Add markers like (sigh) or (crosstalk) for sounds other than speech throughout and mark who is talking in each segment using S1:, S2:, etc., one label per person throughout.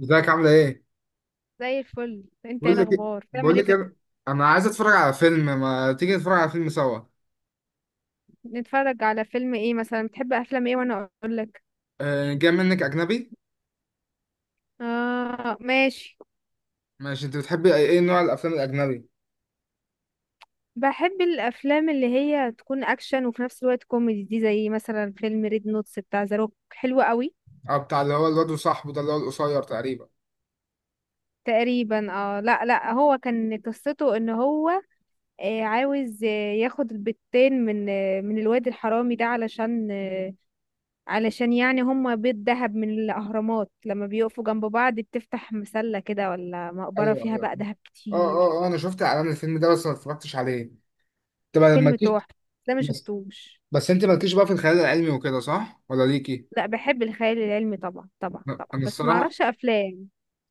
S1: ازيك عاملة ايه؟
S2: زي الفل. انت ايه
S1: بقول لك إيه-
S2: الاخبار؟
S1: بقول
S2: بتعمل ايه
S1: لك
S2: كده؟
S1: إيه، انا عايز اتفرج على فيلم. ما تيجي نتفرج على فيلم سوا؟
S2: نتفرج على فيلم ايه مثلا؟ بتحب افلام ايه وانا اقول لك؟
S1: أه جاي منك اجنبي.
S2: اه، ماشي.
S1: ماشي، انت بتحبي ايه نوع الافلام الاجنبي؟
S2: بحب الافلام اللي هي تكون اكشن وفي نفس الوقت كوميدي، دي زي مثلا فيلم ريد نوتس بتاع ذا روك. حلو قوي.
S1: او بتاع اللي هو الواد وصاحبه ده اللي هو القصير تقريبا؟
S2: تقريبا، اه. لا، لا، هو كان قصته ان هو عاوز ياخد البتين من الواد الحرامي ده، علشان علشان يعني هم بيت دهب من الأهرامات، لما بيقفوا جنب بعض بتفتح مسلة كده ولا مقبرة
S1: ايوه
S2: فيها
S1: ايوه.
S2: بقى دهب
S1: اه
S2: كتير.
S1: اه اه انا شفت اعلان الفيلم ده بس ما اتفرجتش عليه. طب
S2: فيلم
S1: مالكيش.
S2: تحفة. ده ما
S1: بس
S2: شفتوش.
S1: انت مالكيش بقى في الخيال العلمي وكده، صح ولا ليكي؟
S2: لا، بحب الخيال العلمي طبعا طبعا
S1: لا،
S2: طبعا،
S1: انا
S2: بس ما
S1: الصراحة
S2: اعرفش افلام.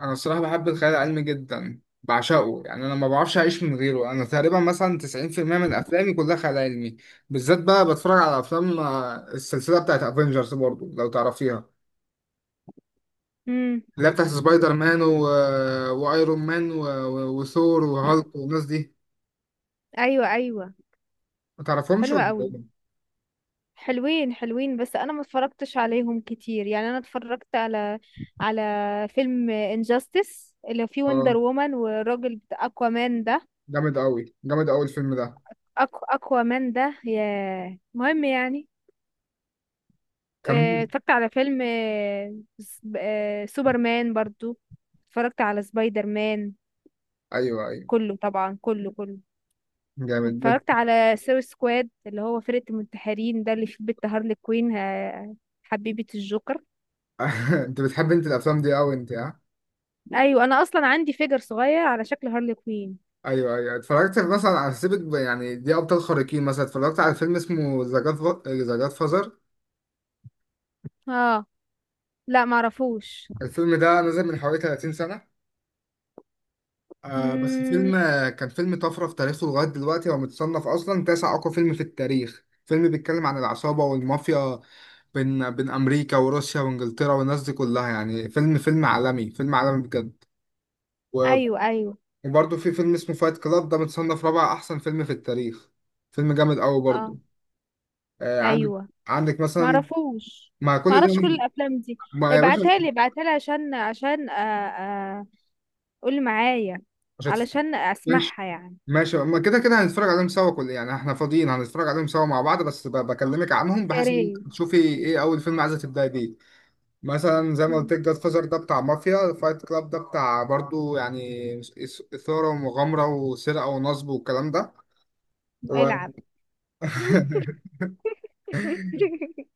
S1: انا الصراحه بحب الخيال العلمي جدا، بعشقه يعني، انا ما بعرفش اعيش من غيره. انا تقريبا مثلا 90% من افلامي كلها خيال علمي. بالذات بقى بتفرج على افلام السلسله بتاعت افنجرز برضو لو تعرفيها،
S2: امم.
S1: اللي هي بتاعت سبايدر مان وايرون مان وثور وهالك والناس دي.
S2: ايوه، ايوه.
S1: ما تعرفهمش
S2: حلوة
S1: ولا
S2: قوي.
S1: إيه؟
S2: حلوين حلوين، بس انا ما اتفرجتش عليهم كتير، يعني انا اتفرجت على على فيلم انجاستس اللي فيه
S1: اه،
S2: وندر وومن والراجل بتاع اكوامان ده.
S1: جامد قوي جامد قوي الفيلم ده.
S2: اكوامان ده ياه، مهم يعني.
S1: كمل.
S2: اتفرجت على فيلم سوبرمان برضو. اتفرجت على سبايدر مان.
S1: ايوه ايوه.
S2: كله طبعا، كله كله.
S1: جامد بت-
S2: واتفرجت على سوي سكواد اللي هو فرقة المنتحرين، ده اللي فيه بنت هارلي كوين حبيبة الجوكر.
S1: (laughs) انت بتحب انت الافلام دي قوي انت ها؟
S2: ايوه، انا اصلا عندي فيجر صغير على شكل هارلي كوين.
S1: ايوه ايوه. اتفرجت مثلا على، سيبك يعني دي ابطال خارقين، مثلا اتفرجت على فيلم اسمه ذا جاد، ذا جاد فازر.
S2: اه، لا معرفوش.
S1: الفيلم ده نزل من حوالي 30 سنه، آه بس
S2: مم،
S1: فيلم، كان فيلم طفره في تاريخه لغايه دلوقتي. هو متصنف اصلا تاسع اقوى فيلم في التاريخ. فيلم بيتكلم عن العصابه والمافيا بين بين امريكا وروسيا وانجلترا والناس دي كلها. يعني فيلم فيلم عالمي، فيلم عالمي بجد. و-
S2: ايوه، ايوه،
S1: وبرضه في فيلم اسمه فايت كلاب، ده متصنف رابع احسن فيلم في التاريخ. فيلم جامد قوي
S2: اه،
S1: برضه. آه، عندك،
S2: ايوه،
S1: عندك مثلا،
S2: معرفوش.
S1: مع كل ده،
S2: معرفش كل الافلام دي.
S1: ما يا باشا.
S2: ابعتها لي، ابعتها لي، عشان قول معايا،
S1: مش هتف-
S2: علشان
S1: ماشي
S2: اسمعها يعني.
S1: ماشي. ما كده كده هنتفرج عليهم سوا، كل يعني احنا فاضيين هنتفرج عليهم سوا مع بعض، بس بكلمك عنهم
S2: يا
S1: بحيث ان انت
S2: ريت.
S1: تشوفي ايه اول فيلم عايزه تبداي بيه. مثلا زي ما قلت لك، جاد فازر ده بتاع مافيا، فايت كلاب ده بتاع برضو يعني اثاره ومغامره وسرقه ونصب والكلام ده و...
S2: العب. (laughs)
S1: (laughs)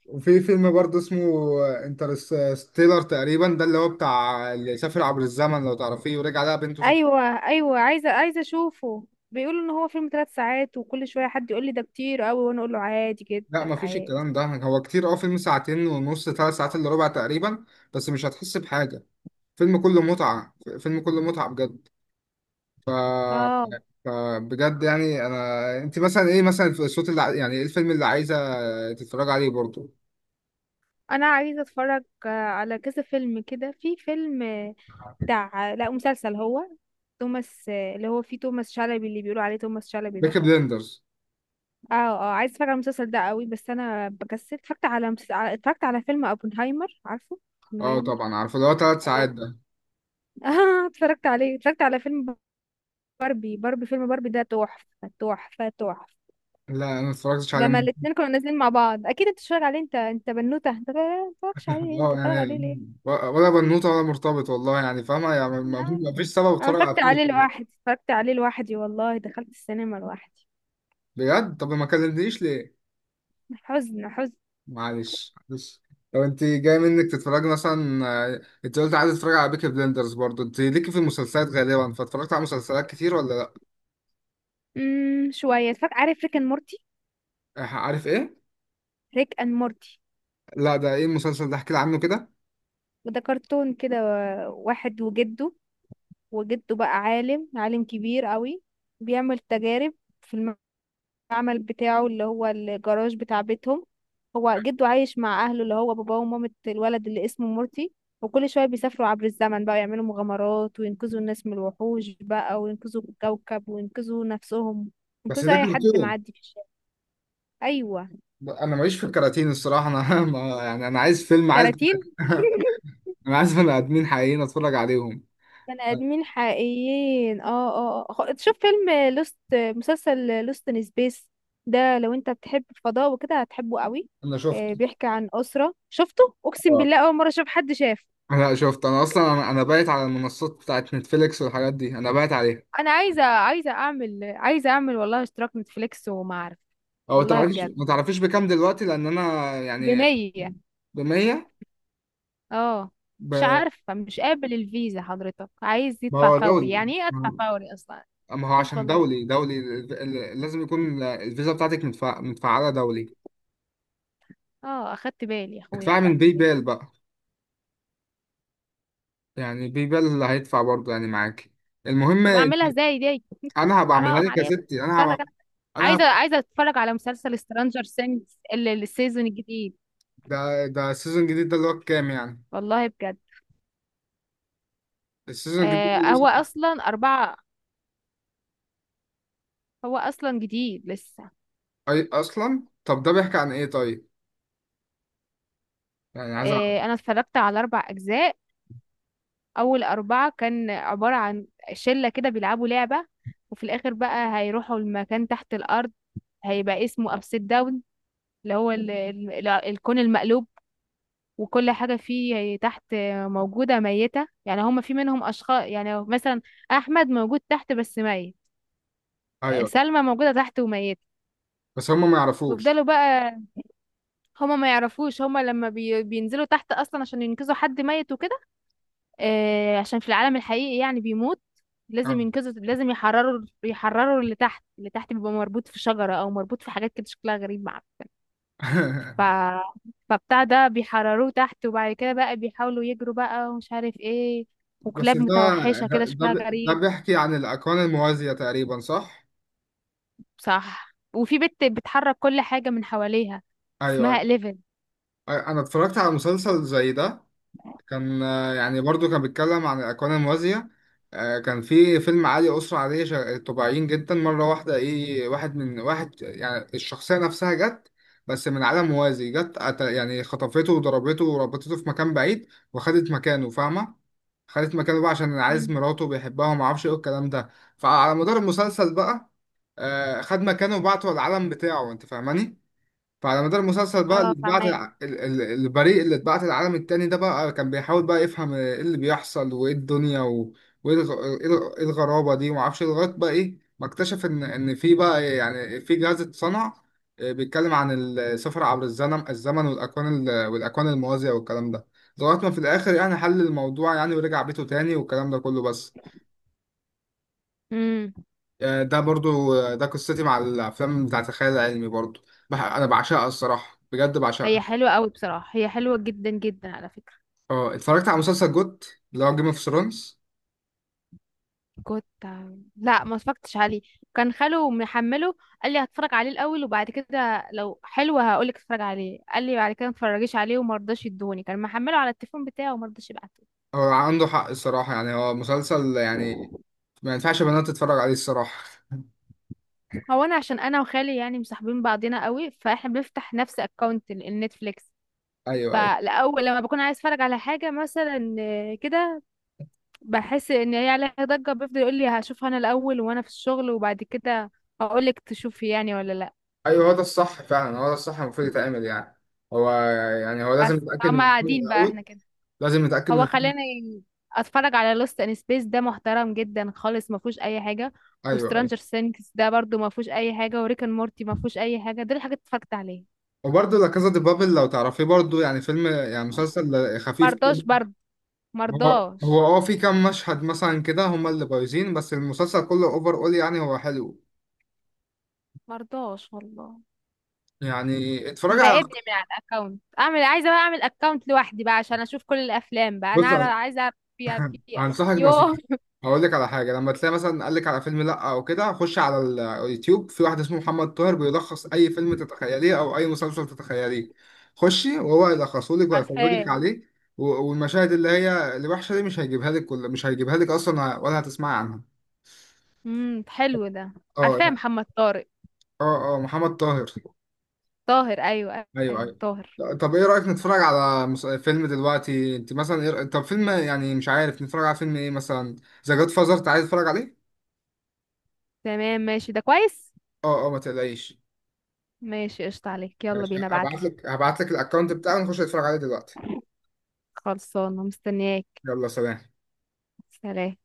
S1: وفي فيلم برضو اسمه انترستيلر تقريبا، ده اللي هو بتاع اللي سافر عبر الزمن لو تعرفيه ورجع لها بنته.
S2: ايوه، ايوه، عايزه عايزه اشوفه. بيقولوا ان هو فيلم 3 ساعات، وكل شويه حد يقول لي ده كتير قوي وانا اقول له عادي
S1: لا
S2: جدا.
S1: مفيش
S2: عادي.
S1: الكلام ده هو كتير. اه فيلم ساعتين ونص، ثلاث ساعات الا ربع تقريبا، بس مش هتحس بحاجة. فيلم كله متعة، فيلم كله متعة بجد.
S2: اه.
S1: فبجد يعني انا، انت مثلا ايه مثلا الصوت يعني ايه الفيلم اللي عايزة تتفرج عليه برضه؟
S2: انا عايزه اتفرج على كذا فيلم كده. في فيلم بتاع، لا مسلسل هو، توماس اللي هو فيه توماس شلبي، اللي بيقولوا عليه توماس شلبي
S1: بيكي
S2: ده.
S1: بليندرز.
S2: اه، اه، عايز اتفرج على المسلسل ده قوي، بس انا بكسل. اتفرجت على اتفرجت على فيلم اوبنهايمر، عارفه؟
S1: اه
S2: اوبنهايمر.
S1: طبعا عارفه، اللي هو ثلاث
S2: أنا-
S1: ساعات ده.
S2: (laughs) اه، اتفرجت عليه، اتفرجت على فيلم باربي. باربي، فيلم باربي ده تحفة تحفة تحفة.
S1: لا انا ما اتفرجتش عليه
S2: لما
S1: من-
S2: الاتنين كانوا نازلين مع بعض، اكيد انت اتفرج عليه. انت بنوتة، انت ما اتفرجش عليه؟
S1: (laughs)
S2: انت
S1: اه
S2: اتفرج عليه
S1: يعني،
S2: ليه؟
S1: ولا بنوته ولا مرتبط والله يعني، فاهمه يعني،
S2: انا
S1: ما فيش سبب
S2: أنا
S1: اتفرج على
S2: اتفرجت
S1: الفيلم
S2: عليه
S1: ده.
S2: لوحدي، اتفرجت عليه لوحدي، والله دخلت السينما لوحدي.
S1: بجد؟ طب ما كلمتنيش ليه.
S2: حزن حزن.
S1: معلش معلش. لو انت جاي منك تتفرجي مثلا، انت قلت عايز تتفرجي على بيكي بلندرز برضو، انت ليكي في المسلسلات غالبا، فاتفرجت على مسلسلات كتير ولا لا؟
S2: شوية اتفرجت. عارف ريك اند مورتي؟
S1: عارف ايه؟
S2: ريك اند مورتي.
S1: لا، ده ايه المسلسل ده؟ احكي لي عنه كده.
S2: وده كرتون كده، واحد وجده. وجده بقى عالم، عالم كبير قوي. بيعمل تجارب في المعمل بتاعه اللي هو الجراج بتاع بيتهم. هو جده عايش مع اهله، اللي هو باباه ومامة الولد اللي اسمه مورتي. وكل شوية بيسافروا عبر الزمن بقى، يعملوا مغامرات وينقذوا الناس من الوحوش بقى، وينقذوا الكوكب وينقذوا نفسهم،
S1: بس
S2: ينقذوا
S1: ده
S2: اي حد
S1: كرتون.
S2: معدي في الشارع. ايوه.
S1: انا ماليش في الكراتين الصراحه انا (laughs) ما يعني انا عايز فيلم،
S2: كراتين. (laughs)
S1: (laughs) انا عايز بني ادمين حقيقيين اتفرج عليهم.
S2: بني
S1: آه،
S2: ادمين حقيقيين، اه. اه، آه. تشوف فيلم مسلسل لوست ان سبيس ده، لو انت بتحب الفضاء وكده هتحبه قوي.
S1: انا شفته.
S2: بيحكي عن اسره. شفته؟ اقسم
S1: اه
S2: بالله اول مره اشوف حد شاف.
S1: انا شفت، انا اصلا انا بايت على المنصات بتاعت نتفليكس والحاجات دي انا بايت عليها.
S2: انا عايزه، عايزه اعمل، عايزه اعمل والله اشتراك نتفليكس، وما اعرف.
S1: او
S2: والله
S1: تعرفيش،
S2: بجد.
S1: ما تعرفيش بكام دلوقتي؟ لان انا يعني
S2: بـ100.
S1: ب 100
S2: اه. مش
S1: ب-
S2: عارفه، مش قابل الفيزا. حضرتك عايز
S1: ما
S2: يدفع
S1: هو
S2: فوري،
S1: دولي.
S2: يعني ايه ادفع
S1: ما
S2: فوري اصلا؟
S1: هو
S2: حسب
S1: عشان
S2: الله.
S1: دولي دولي لازم يكون الفيزا بتاعتك مدفع متفعلة دولي.
S2: اه، اخدت بالي يا اخويا،
S1: ادفع من
S2: اخدت
S1: باي
S2: بالي.
S1: بال بقى، يعني باي بال اللي هيدفع برضه يعني معاك. المهم،
S2: طب اعملها ازاي دي؟
S1: انا هبقى اعملها
S2: حرام
S1: لك يا
S2: عليكم.
S1: ستي، انا
S2: اتفرج.
S1: هبقى انا
S2: عايزه،
S1: هبقى
S2: عايزه اتفرج على مسلسل سترانجر سينجز السيزون الجديد.
S1: ده ده السيزون الجديد ده اللي هو كام يعني؟
S2: والله بجد.
S1: السيزون الجديد ده
S2: هو
S1: لسه-
S2: اصلا 4. هو اصلا جديد لسه.
S1: اصلا طب ده بيحكي عن ايه طيب؟ يعني عايز اعرف.
S2: انا اتفرجت على 4 اجزاء. اول 4 كان عباره عن شله كده بيلعبوا لعبه، وفي الاخر بقى هيروحوا المكان تحت الارض، هيبقى اسمه ابسيد داون، اللي هو الكون المقلوب. وكل حاجة فيه تحت موجودة ميتة، يعني هما في منهم أشخاص يعني مثلا أحمد موجود تحت بس ميت،
S1: ايوه،
S2: سلمى موجودة تحت وميتة.
S1: بس هم ما
S2: ويفضلوا
S1: يعرفوش.
S2: بقى، هما ما يعرفوش. هما لما بينزلوا تحت أصلا عشان ينقذوا حد ميت وكده. عشان في العالم الحقيقي يعني بيموت، لازم
S1: اه
S2: ينقذوا، لازم يحرروا، يحرروا اللي تحت. اللي تحت بيبقى مربوط في شجرة أو مربوط في حاجات كده شكلها غريب، معرفش. ف...
S1: (laughs)
S2: فبتاع ده بيحرروه تحت، وبعد كده بقى بيحاولوا يجروا بقى، ومش عارف ايه،
S1: بس
S2: وكلاب
S1: ده
S2: متوحشة كده
S1: ده
S2: شكلها
S1: ده
S2: غريب.
S1: بيحكي عن الاكوان الموازية تقريبا، صح؟
S2: صح. وفي بنت بتحرك كل حاجة من حواليها،
S1: ايوه أيوه.
S2: اسمها إليفن.
S1: انا اتفرجت على مسلسل زي ده، كان يعني برضو كان بيتكلم عن الاكوان الموازية. كان في فيلم، عالي اسرة عادية طبيعيين جدا، مرة واحدة ايه واحد من واحد يعني الشخصية نفسها جت بس من عالم موازي، يعني خطفته وضربته وربطته في مكان بعيد وخدت مكانه، فاهمة؟ خدت مكانه بقى عشان عايز
S2: مم.
S1: مراته وبيحبها وما اعرفش ايه الكلام ده. فعلى مدار المسلسل بقى، خد مكانه وبعته العالم بتاعه، انت فاهماني. فعلى مدار المسلسل بقى اللي
S2: اه،
S1: اتبعت
S2: فاهمة.
S1: البريء اللي اتبعت العالم التاني ده بقى، كان بيحاول بقى يفهم ايه اللي بيحصل وايه الدنيا وايه الغ- ايه الغ- إيه الغرابة دي ومعرفش إيه، لغاية بقى ايه ما اكتشف ان في بقى يعني في جهاز اتصنع، بيتكلم عن السفر عبر الزمن، والاكوان والاكوان الموازية والكلام ده، لغاية ما في الاخر يعني حل الموضوع يعني ورجع بيته تاني والكلام ده كله. بس
S2: امم.
S1: ده برضو ده قصتي مع الافلام بتاعت الخيال العلمي برضو. انا بعشقها الصراحة، بجد
S2: هي
S1: بعشقها.
S2: حلوة قوي بصراحة، هي حلوة جدا جدا على فكرة.
S1: اه اتفرجت على مسلسل جوت، اللي هو جيم اوف ثرونز.
S2: كنت لا، ما اتفرجتش عليه. كان خاله محمله، قال لي هتفرج عليه الاول وبعد كده لو حلو هقول لك اتفرج عليه. قال لي بعد كده ما تتفرجيش عليه، وما رضاش يدوني. كان محمله على التليفون بتاعه وما رضاش يبعته.
S1: هو عنده حق الصراحة يعني، هو مسلسل يعني ما ينفعش بنات تتفرج عليه الصراحة.
S2: هو انا عشان انا وخالي يعني مصاحبين بعضنا قوي، فاحنا بنفتح نفس اكونت النتفليكس.
S1: (laughs) ايوه ايوه.
S2: فالاول لما بكون عايز اتفرج على حاجه مثلا كده، بحس ان هي عليها ضجه، بيفضل يقول لي هشوفها انا الاول وانا في الشغل، وبعد كده هقول لك تشوفي يعني ولا لا.
S1: ايوه هو ده الصح فعلا، هو ده الصح المفروض يتعمل يعني. هو، يعني هو
S2: بس
S1: لازم يتأكد من
S2: فهم
S1: الفيلم
S2: قاعدين بقى
S1: الأول،
S2: احنا كده.
S1: لازم يتأكد من
S2: هو
S1: الفيلم.
S2: خلاني اتفرج على لوست ان سبيس، ده محترم جدا خالص، ما فيهوش اي حاجه.
S1: ايوه ايوه.
S2: وسترانجر سينكس ده برضو ما فيهوش اي حاجه، وريكن مورتي ما فيهوش اي حاجه. دول الحاجات اللي اتفرجت عليها.
S1: وبرضه لا كازا دي بابل لو تعرفيه برضه، يعني فيلم يعني مسلسل خفيف
S2: مرضاش
S1: كده.
S2: برضو،
S1: هو
S2: مرضاش،
S1: هو اه في كام مشهد مثلا كده هما اللي بايظين، بس المسلسل كله اوفر اول يعني، هو حلو
S2: مرضاش والله،
S1: يعني، اتفرج على،
S2: مراقبني من على الاكونت. اعمل، عايزه بقى اعمل اكونت لوحدي بقى عشان اشوف كل الافلام بقى. انا
S1: بص.
S2: عايزه اعرف فيها، فيها.
S1: هنصحك
S2: يوه.
S1: نصيحة، هقول لك على حاجة. لما تلاقي مثلا قال لك على فيلم لأ أو كده، خش على اليوتيوب في واحد اسمه محمد طاهر، بيلخص أي فيلم تتخيليه أو أي مسلسل تتخيليه. خشي وهو يلخصه لك
S2: (laughs)
S1: ويفرجك
S2: عارفاه.
S1: عليه، والمشاهد اللي هي الوحشة دي مش هيجيبها لك، مش هيجيبها لك أصلا ولا هتسمعي عنها.
S2: حلو ده. عارفاه،
S1: اه.
S2: محمد طارق.
S1: اه محمد طاهر،
S2: طاهر، ايوه،
S1: أيوه
S2: ايوه،
S1: أيوه.
S2: طاهر.
S1: لا، طب إيه رأيك نتفرج على فيلم دلوقتي؟ أنت مثلا إيه طب فيلم يعني، مش عارف نتفرج على فيلم إيه مثلا؟ ذا جاد فازر، أنت عايز تتفرج عليه؟
S2: تمام، ماشي، ده كويس.
S1: اه ما تقلقيش.
S2: ماشي، قشطة عليك، يلا
S1: ماشي،
S2: بينا، ابعتلي.
S1: هبعت لك الاكونت بتاعه، نخش نتفرج عليه دلوقتي.
S2: خلصانه، مستنياك.
S1: يلا سلام.
S2: سلام.